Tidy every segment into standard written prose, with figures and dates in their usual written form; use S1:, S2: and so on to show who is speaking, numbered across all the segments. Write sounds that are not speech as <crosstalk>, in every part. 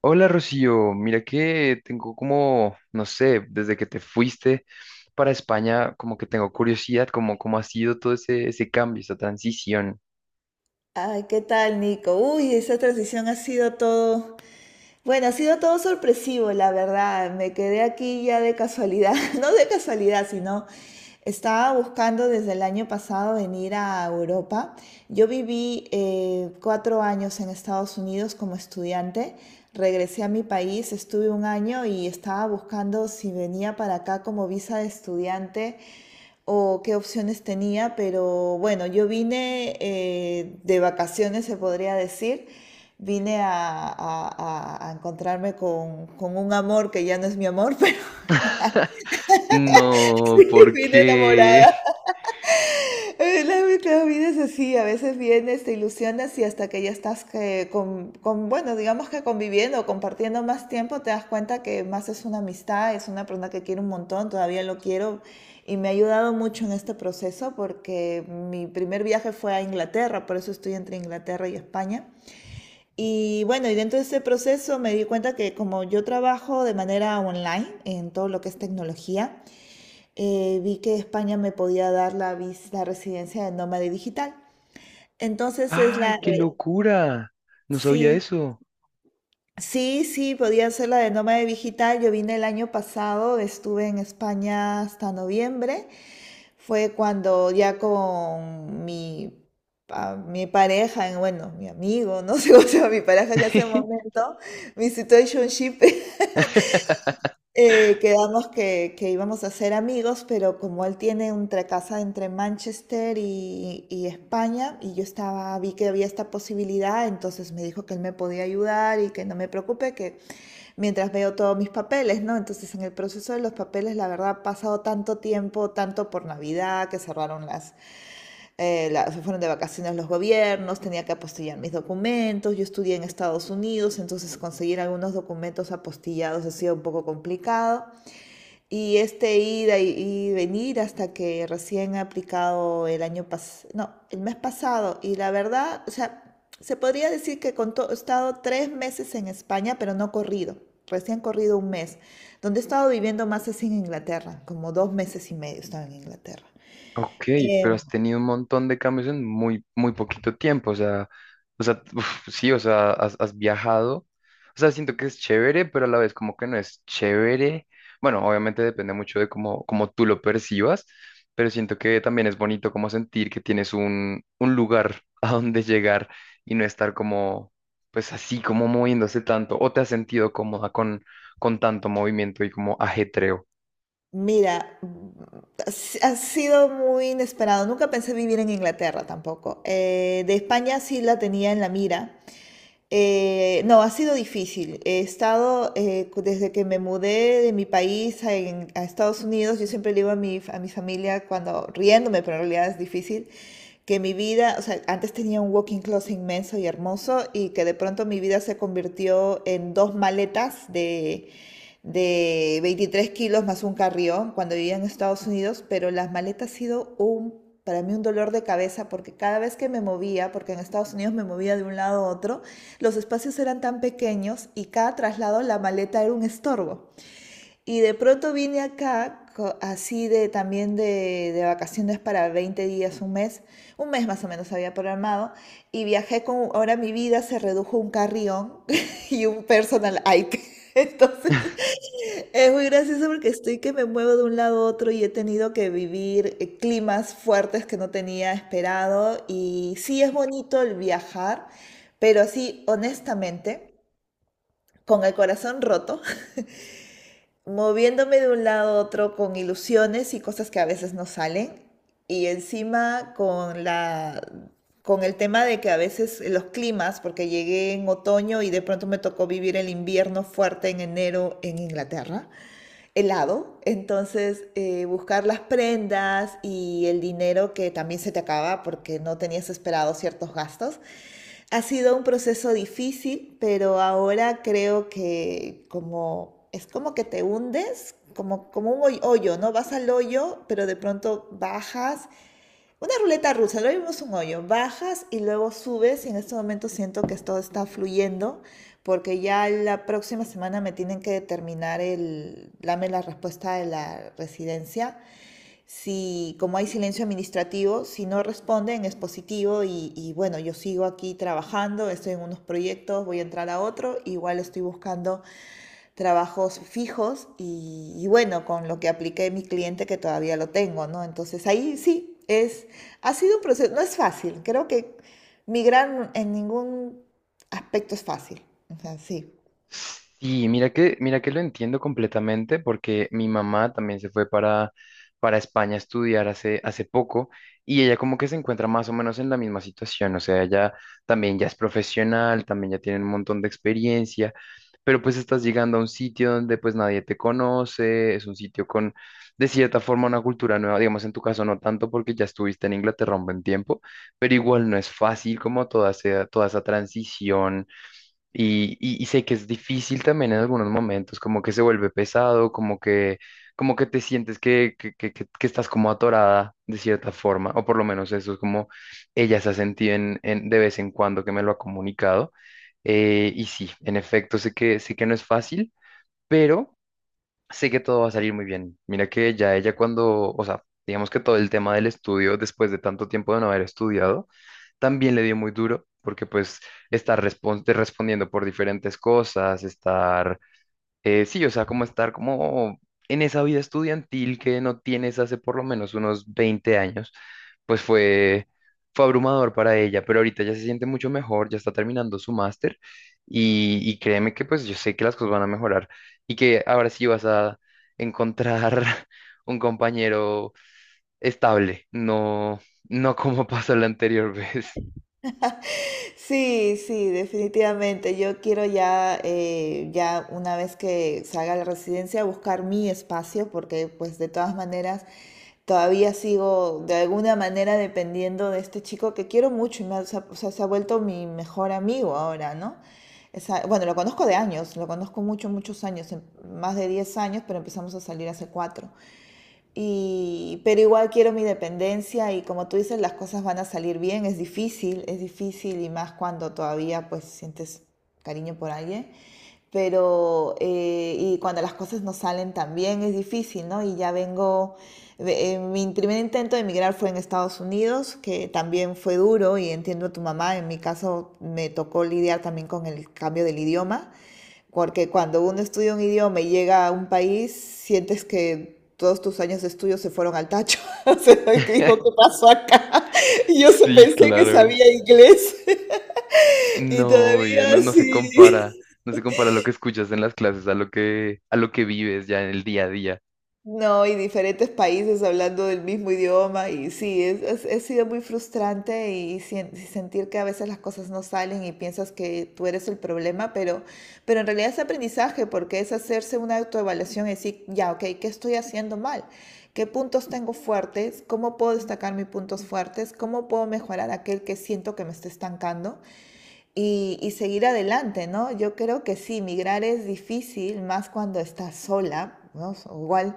S1: Hola Rocío, mira que tengo como, no sé, desde que te fuiste para España, como que tengo curiosidad, como cómo ha sido todo ese cambio, esa transición.
S2: Ay, ¿qué tal, Nico? Uy, esa transición ha sido todo, bueno, ha sido todo sorpresivo, la verdad. Me quedé aquí ya de casualidad, <laughs> no de casualidad, sino estaba buscando desde el año pasado venir a Europa. Yo viví 4 años en Estados Unidos como estudiante, regresé a mi país, estuve un año y estaba buscando si venía para acá como visa de estudiante o qué opciones tenía, pero bueno, yo vine de vacaciones, se podría decir. Vine a encontrarme con un amor que ya no es mi amor, <laughs> pero
S1: <laughs> No,
S2: sí,
S1: ¿por
S2: vine
S1: qué?
S2: enamorada. Eh, La, la vida es así, a veces vienes, te ilusionas y hasta que ya estás que bueno, digamos que conviviendo, o compartiendo más tiempo, te das cuenta que más es una amistad, es una persona que quiero un montón, todavía lo quiero y me ha ayudado mucho en este proceso porque mi primer viaje fue a Inglaterra, por eso estoy entre Inglaterra y España. Y bueno, y dentro de ese proceso me di cuenta que como yo trabajo de manera online en todo lo que es tecnología, vi que España me podía dar la residencia de nómade digital.
S1: <laughs>
S2: Entonces
S1: ¡Ay, qué locura! No sabía
S2: sí,
S1: eso.
S2: sí, sí, podía ser la de nómade digital. Yo vine el año pasado, estuve en España hasta noviembre. Fue cuando ya mi pareja, bueno, mi amigo, no sé <laughs> cómo se mi pareja que en ese momento, mi situationship <laughs>
S1: <laughs>
S2: Quedamos que íbamos a ser amigos, pero como él tiene una casa entre Manchester y España, y yo estaba, vi que había esta posibilidad, entonces me dijo que él me podía ayudar y que no me preocupe, que mientras veo todos mis papeles, ¿no? Entonces en el proceso de los papeles, la verdad, ha pasado tanto tiempo, tanto por Navidad, que cerraron se fueron de vacaciones los gobiernos, tenía que apostillar mis documentos, yo estudié en Estados Unidos, entonces conseguir algunos documentos apostillados ha sido un poco complicado. Y este ida y venir hasta que recién ha aplicado el año pasado, no, el mes pasado. Y la verdad, o sea, se podría decir que he estado 3 meses en España, pero no corrido, recién corrido un mes, donde he estado viviendo más así en Inglaterra, como 2 meses y medio he estado en Inglaterra.
S1: Ok,
S2: Eh,
S1: pero has tenido un montón de cambios en muy poquito tiempo, o sea, <laughs> uf, sí, o sea, has viajado, o sea, siento que es chévere, pero a la vez como que no es chévere. Bueno, obviamente depende mucho de cómo tú lo percibas, pero siento que también es bonito como sentir que tienes un lugar <laughs> a donde llegar y no estar como, pues así, como moviéndose tanto, o te has sentido cómoda con tanto movimiento y como ajetreo.
S2: Mira, ha sido muy inesperado. Nunca pensé vivir en Inglaterra tampoco. De España sí la tenía en la mira. No, ha sido difícil. He estado, desde que me mudé de mi país a Estados Unidos, yo siempre le digo a mi familia, cuando riéndome, pero en realidad es difícil, que mi vida, o sea, antes tenía un walking closet inmenso y hermoso y que de pronto mi vida se convirtió en dos maletas de 23 kilos más un carrión cuando vivía en Estados Unidos, pero las maletas ha sido para mí un dolor de cabeza porque cada vez que me movía, porque en Estados Unidos me movía de un lado a otro, los espacios eran tan pequeños y cada traslado la maleta era un estorbo. Y de pronto vine acá así de también de vacaciones para 20 días, un mes más o menos había programado y viajé con, ahora mi vida se redujo a un carrión <laughs> y un personal Ike. <laughs> Entonces es muy gracioso porque estoy que me muevo de un lado a otro y he tenido que vivir climas fuertes que no tenía esperado y sí es bonito el viajar, pero así honestamente con el corazón roto, <laughs> moviéndome de un lado a otro con ilusiones y cosas que a veces no salen, y encima con el tema de que a veces los climas, porque llegué en otoño y de pronto me tocó vivir el invierno fuerte en enero en Inglaterra, helado, entonces buscar las prendas y el dinero que también se te acaba porque no tenías esperado ciertos gastos. Ha sido un proceso difícil, pero ahora creo que como es como que te hundes, como, como un hoyo, ¿no? Vas al hoyo, pero de pronto bajas. Una ruleta rusa, lo vimos un hoyo. Bajas y luego subes y en este momento siento que todo está fluyendo porque ya la próxima semana me tienen que determinar el, dame la respuesta de la residencia. Si, como hay silencio administrativo, si no responden es positivo y bueno, yo sigo aquí trabajando, estoy en unos proyectos, voy a entrar a otro, igual estoy buscando trabajos fijos y bueno, con lo que apliqué mi cliente que todavía lo tengo, ¿no? Entonces ahí sí, ha sido un proceso, no es fácil, creo que migrar en ningún aspecto es fácil, o sea, sí.
S1: Sí, mira que lo entiendo completamente porque mi mamá también se fue para España a estudiar hace poco y ella como que se encuentra más o menos en la misma situación, o sea, ella también ya es profesional, también ya tiene un montón de experiencia, pero pues estás llegando a un sitio donde pues nadie te conoce, es un sitio con de cierta forma una cultura nueva, digamos en tu caso no tanto porque ya estuviste en Inglaterra un buen tiempo, pero igual no es fácil como toda esa transición y sé que es difícil también en algunos momentos, como que se vuelve pesado, como que te sientes que estás como atorada de cierta forma, o por lo menos eso es como ella se ha sentido de vez en cuando que me lo ha comunicado. Y sí, en efecto, sé que no es fácil, pero sé que todo va a salir muy bien. Mira que ya ella cuando, o sea, digamos que todo el tema del estudio, después de tanto tiempo de no haber estudiado, también le dio muy duro, porque pues te respondiendo por diferentes cosas, estar, sí, o sea, como estar como en esa vida estudiantil que no tienes hace por lo menos unos 20 años, pues fue, fue abrumador para ella, pero ahorita ya se siente mucho mejor, ya está terminando su máster y créeme que pues yo sé que las cosas van a mejorar y que ahora sí vas a encontrar <laughs> un compañero estable, no, no como <laughs> pasó la anterior vez.
S2: Sí, sí, definitivamente. Yo quiero ya una vez que salga la residencia, buscar mi espacio, porque pues de todas maneras todavía sigo de alguna manera dependiendo de este chico que quiero mucho y se ha, o sea, se ha vuelto mi mejor amigo ahora, ¿no? Bueno, lo conozco de años, lo conozco muchos, muchos años, más de 10 años, pero empezamos a salir hace 4. Y, pero igual quiero mi dependencia y como tú dices, las cosas van a salir bien. Es difícil y más cuando todavía pues sientes cariño por alguien. Pero, y cuando las cosas no salen tan bien es difícil, ¿no? Y ya vengo, mi primer intento de emigrar fue en Estados Unidos, que también fue duro y entiendo a tu mamá, en mi caso me tocó lidiar también con el cambio del idioma. Porque cuando uno estudia un idioma y llega a un país, sientes que todos tus años de estudio se fueron al tacho. <laughs> O sea, que dijo,
S1: <laughs>
S2: ¿qué pasó acá? <laughs> Y yo
S1: Sí,
S2: pensé que
S1: claro.
S2: sabía inglés <laughs> y
S1: No, oye, no,
S2: todavía
S1: no se compara,
S2: sí.
S1: no se compara lo que escuchas en las clases a lo que vives ya en el día a día.
S2: No, y diferentes países hablando del mismo idioma, y sí, ha sido muy frustrante y, sentir que a veces las cosas no salen y piensas que tú eres el problema, en realidad es aprendizaje porque es hacerse una autoevaluación y decir, ya, ok, ¿qué estoy haciendo mal? ¿Qué puntos tengo fuertes? ¿Cómo puedo destacar mis puntos fuertes? ¿Cómo puedo mejorar aquel que siento que me está estancando? Y seguir adelante, ¿no? Yo creo que sí, migrar es difícil, más cuando estás sola, ¿no? So, igual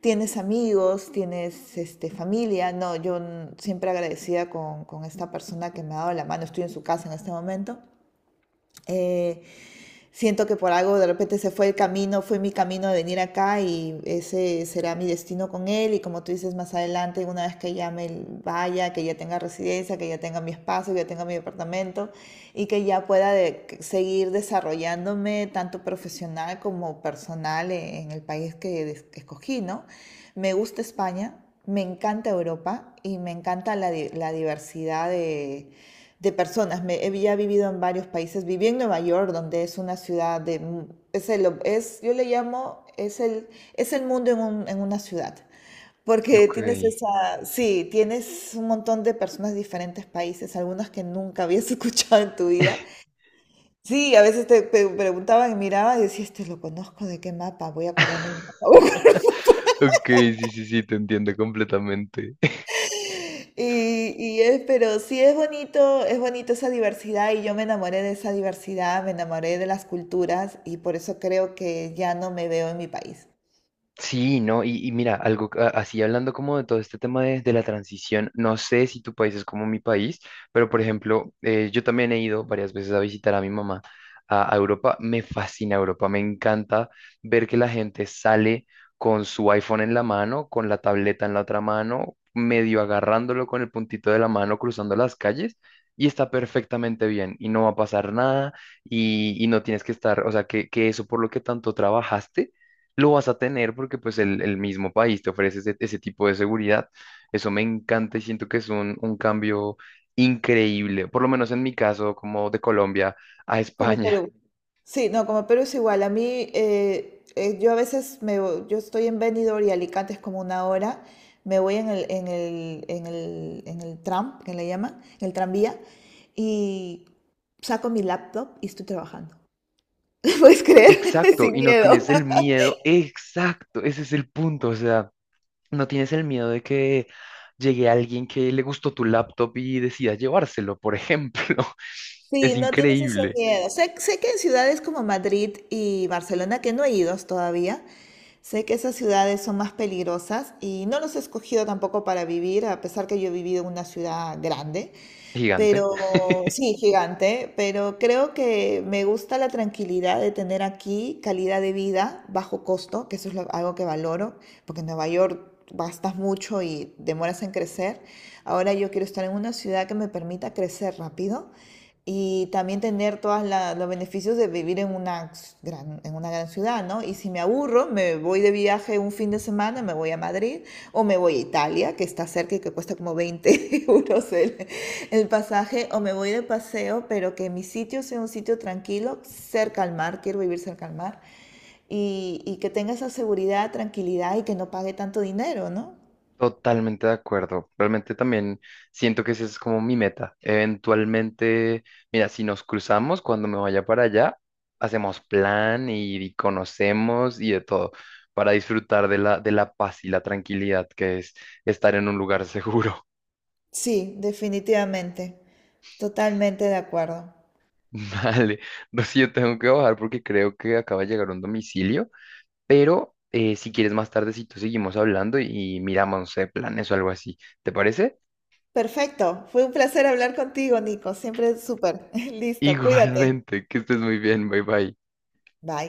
S2: tienes amigos, tienes este, familia, no, yo siempre agradecida con esta persona que me ha dado la mano, estoy en su casa en este momento. Eh, Siento que por algo de repente se fue el camino, fue mi camino de venir acá y ese será mi destino con él. Y como tú dices, más adelante, una vez que ya me vaya, que ya tenga residencia, que ya tenga mi espacio, que ya tenga mi departamento y que ya pueda seguir desarrollándome tanto profesional como personal el país que escogí, ¿no? Me gusta España, me encanta Europa y me encanta la diversidad de personas. He vivido en varios países. Viví en Nueva York, donde es una ciudad de... Yo le llamo, es el mundo en una ciudad. Porque
S1: Ok.
S2: tienes esa, sí, tienes un montón de personas de diferentes países, algunas que nunca habías <laughs> escuchado en tu vida. Sí, a veces te preguntaban y miraban y decías, este lo conozco, ¿de qué mapa? Voy a acordarme el mapa. <laughs>
S1: Ok, sí, sí, sí, te entiendo completamente.
S2: Y es, pero sí es bonito esa diversidad y yo me enamoré de esa diversidad, me enamoré de las culturas y por eso creo que ya no me veo en mi país.
S1: Sí, no, y mira, algo así hablando como de todo este tema de la transición, no sé si tu país es como mi país, pero por ejemplo, yo también he ido varias veces a visitar a mi mamá a Europa, me fascina Europa, me encanta ver que la gente sale con su iPhone en la mano, con la tableta en la otra mano, medio agarrándolo con el puntito de la mano, cruzando las calles. Y está perfectamente bien y no va a pasar nada y no tienes que estar, o sea, que eso por lo que tanto trabajaste lo vas a tener porque pues el mismo país te ofrece ese tipo de seguridad. Eso me encanta y siento que es un cambio increíble, por lo menos en mi caso, como de Colombia a <laughs>
S2: Como
S1: España.
S2: Perú. Sí, no, como Perú es igual. A mí, yo a veces yo estoy en Benidorm y Alicante es como una hora. Me voy en el tram, que le llaman, en el tranvía, y saco mi laptop y estoy trabajando. <laughs> ¿Puedes creer? <laughs>
S1: Exacto,
S2: Sin
S1: y no
S2: miedo.
S1: tienes el miedo, exacto, ese es el punto, o sea, no tienes el miedo de que llegue alguien que le gustó tu laptop y decida llevárselo, por ejemplo. <laughs>
S2: Sí,
S1: Es
S2: no tienes ese
S1: increíble.
S2: miedo. Sé que en ciudades como Madrid y Barcelona, que no he ido todavía, sé que esas ciudades son más peligrosas y no los he escogido tampoco para vivir, a pesar que yo he vivido en una ciudad grande,
S1: Gigante.
S2: pero sí, gigante, pero creo que me gusta la tranquilidad de tener aquí calidad de vida bajo costo, que eso es algo que valoro, porque en Nueva York gastas mucho y demoras en crecer. Ahora yo quiero estar en una ciudad que me permita crecer rápido y también tener todos los beneficios de vivir en en una gran ciudad, ¿no? Y si me aburro, me voy de viaje un fin de semana, me voy a Madrid o me voy a Italia, que está cerca y que cuesta como 20 <laughs> euros el pasaje, o me voy de paseo, pero que mi sitio sea un sitio tranquilo, cerca al mar, quiero vivir cerca al mar, y que tenga esa seguridad, tranquilidad y que no pague tanto dinero, ¿no?
S1: Totalmente de acuerdo. Realmente también siento que esa es como mi meta. Eventualmente, mira, si nos cruzamos cuando me vaya para allá, hacemos plan y conocemos y de todo para disfrutar de la paz y la tranquilidad que es estar en un lugar seguro.
S2: Sí, definitivamente, totalmente de acuerdo.
S1: <laughs> Vale, no sé, yo tengo que bajar porque creo que acaba de llegar un domicilio, pero si quieres más tardecito seguimos hablando y miramos, no sé, planes o algo así. ¿Te parece?
S2: Perfecto, fue un placer hablar contigo, Nico, siempre súper. <laughs>
S1: <laughs>
S2: Listo, cuídate.
S1: Igualmente, que estés muy bien, bye bye.
S2: Bye.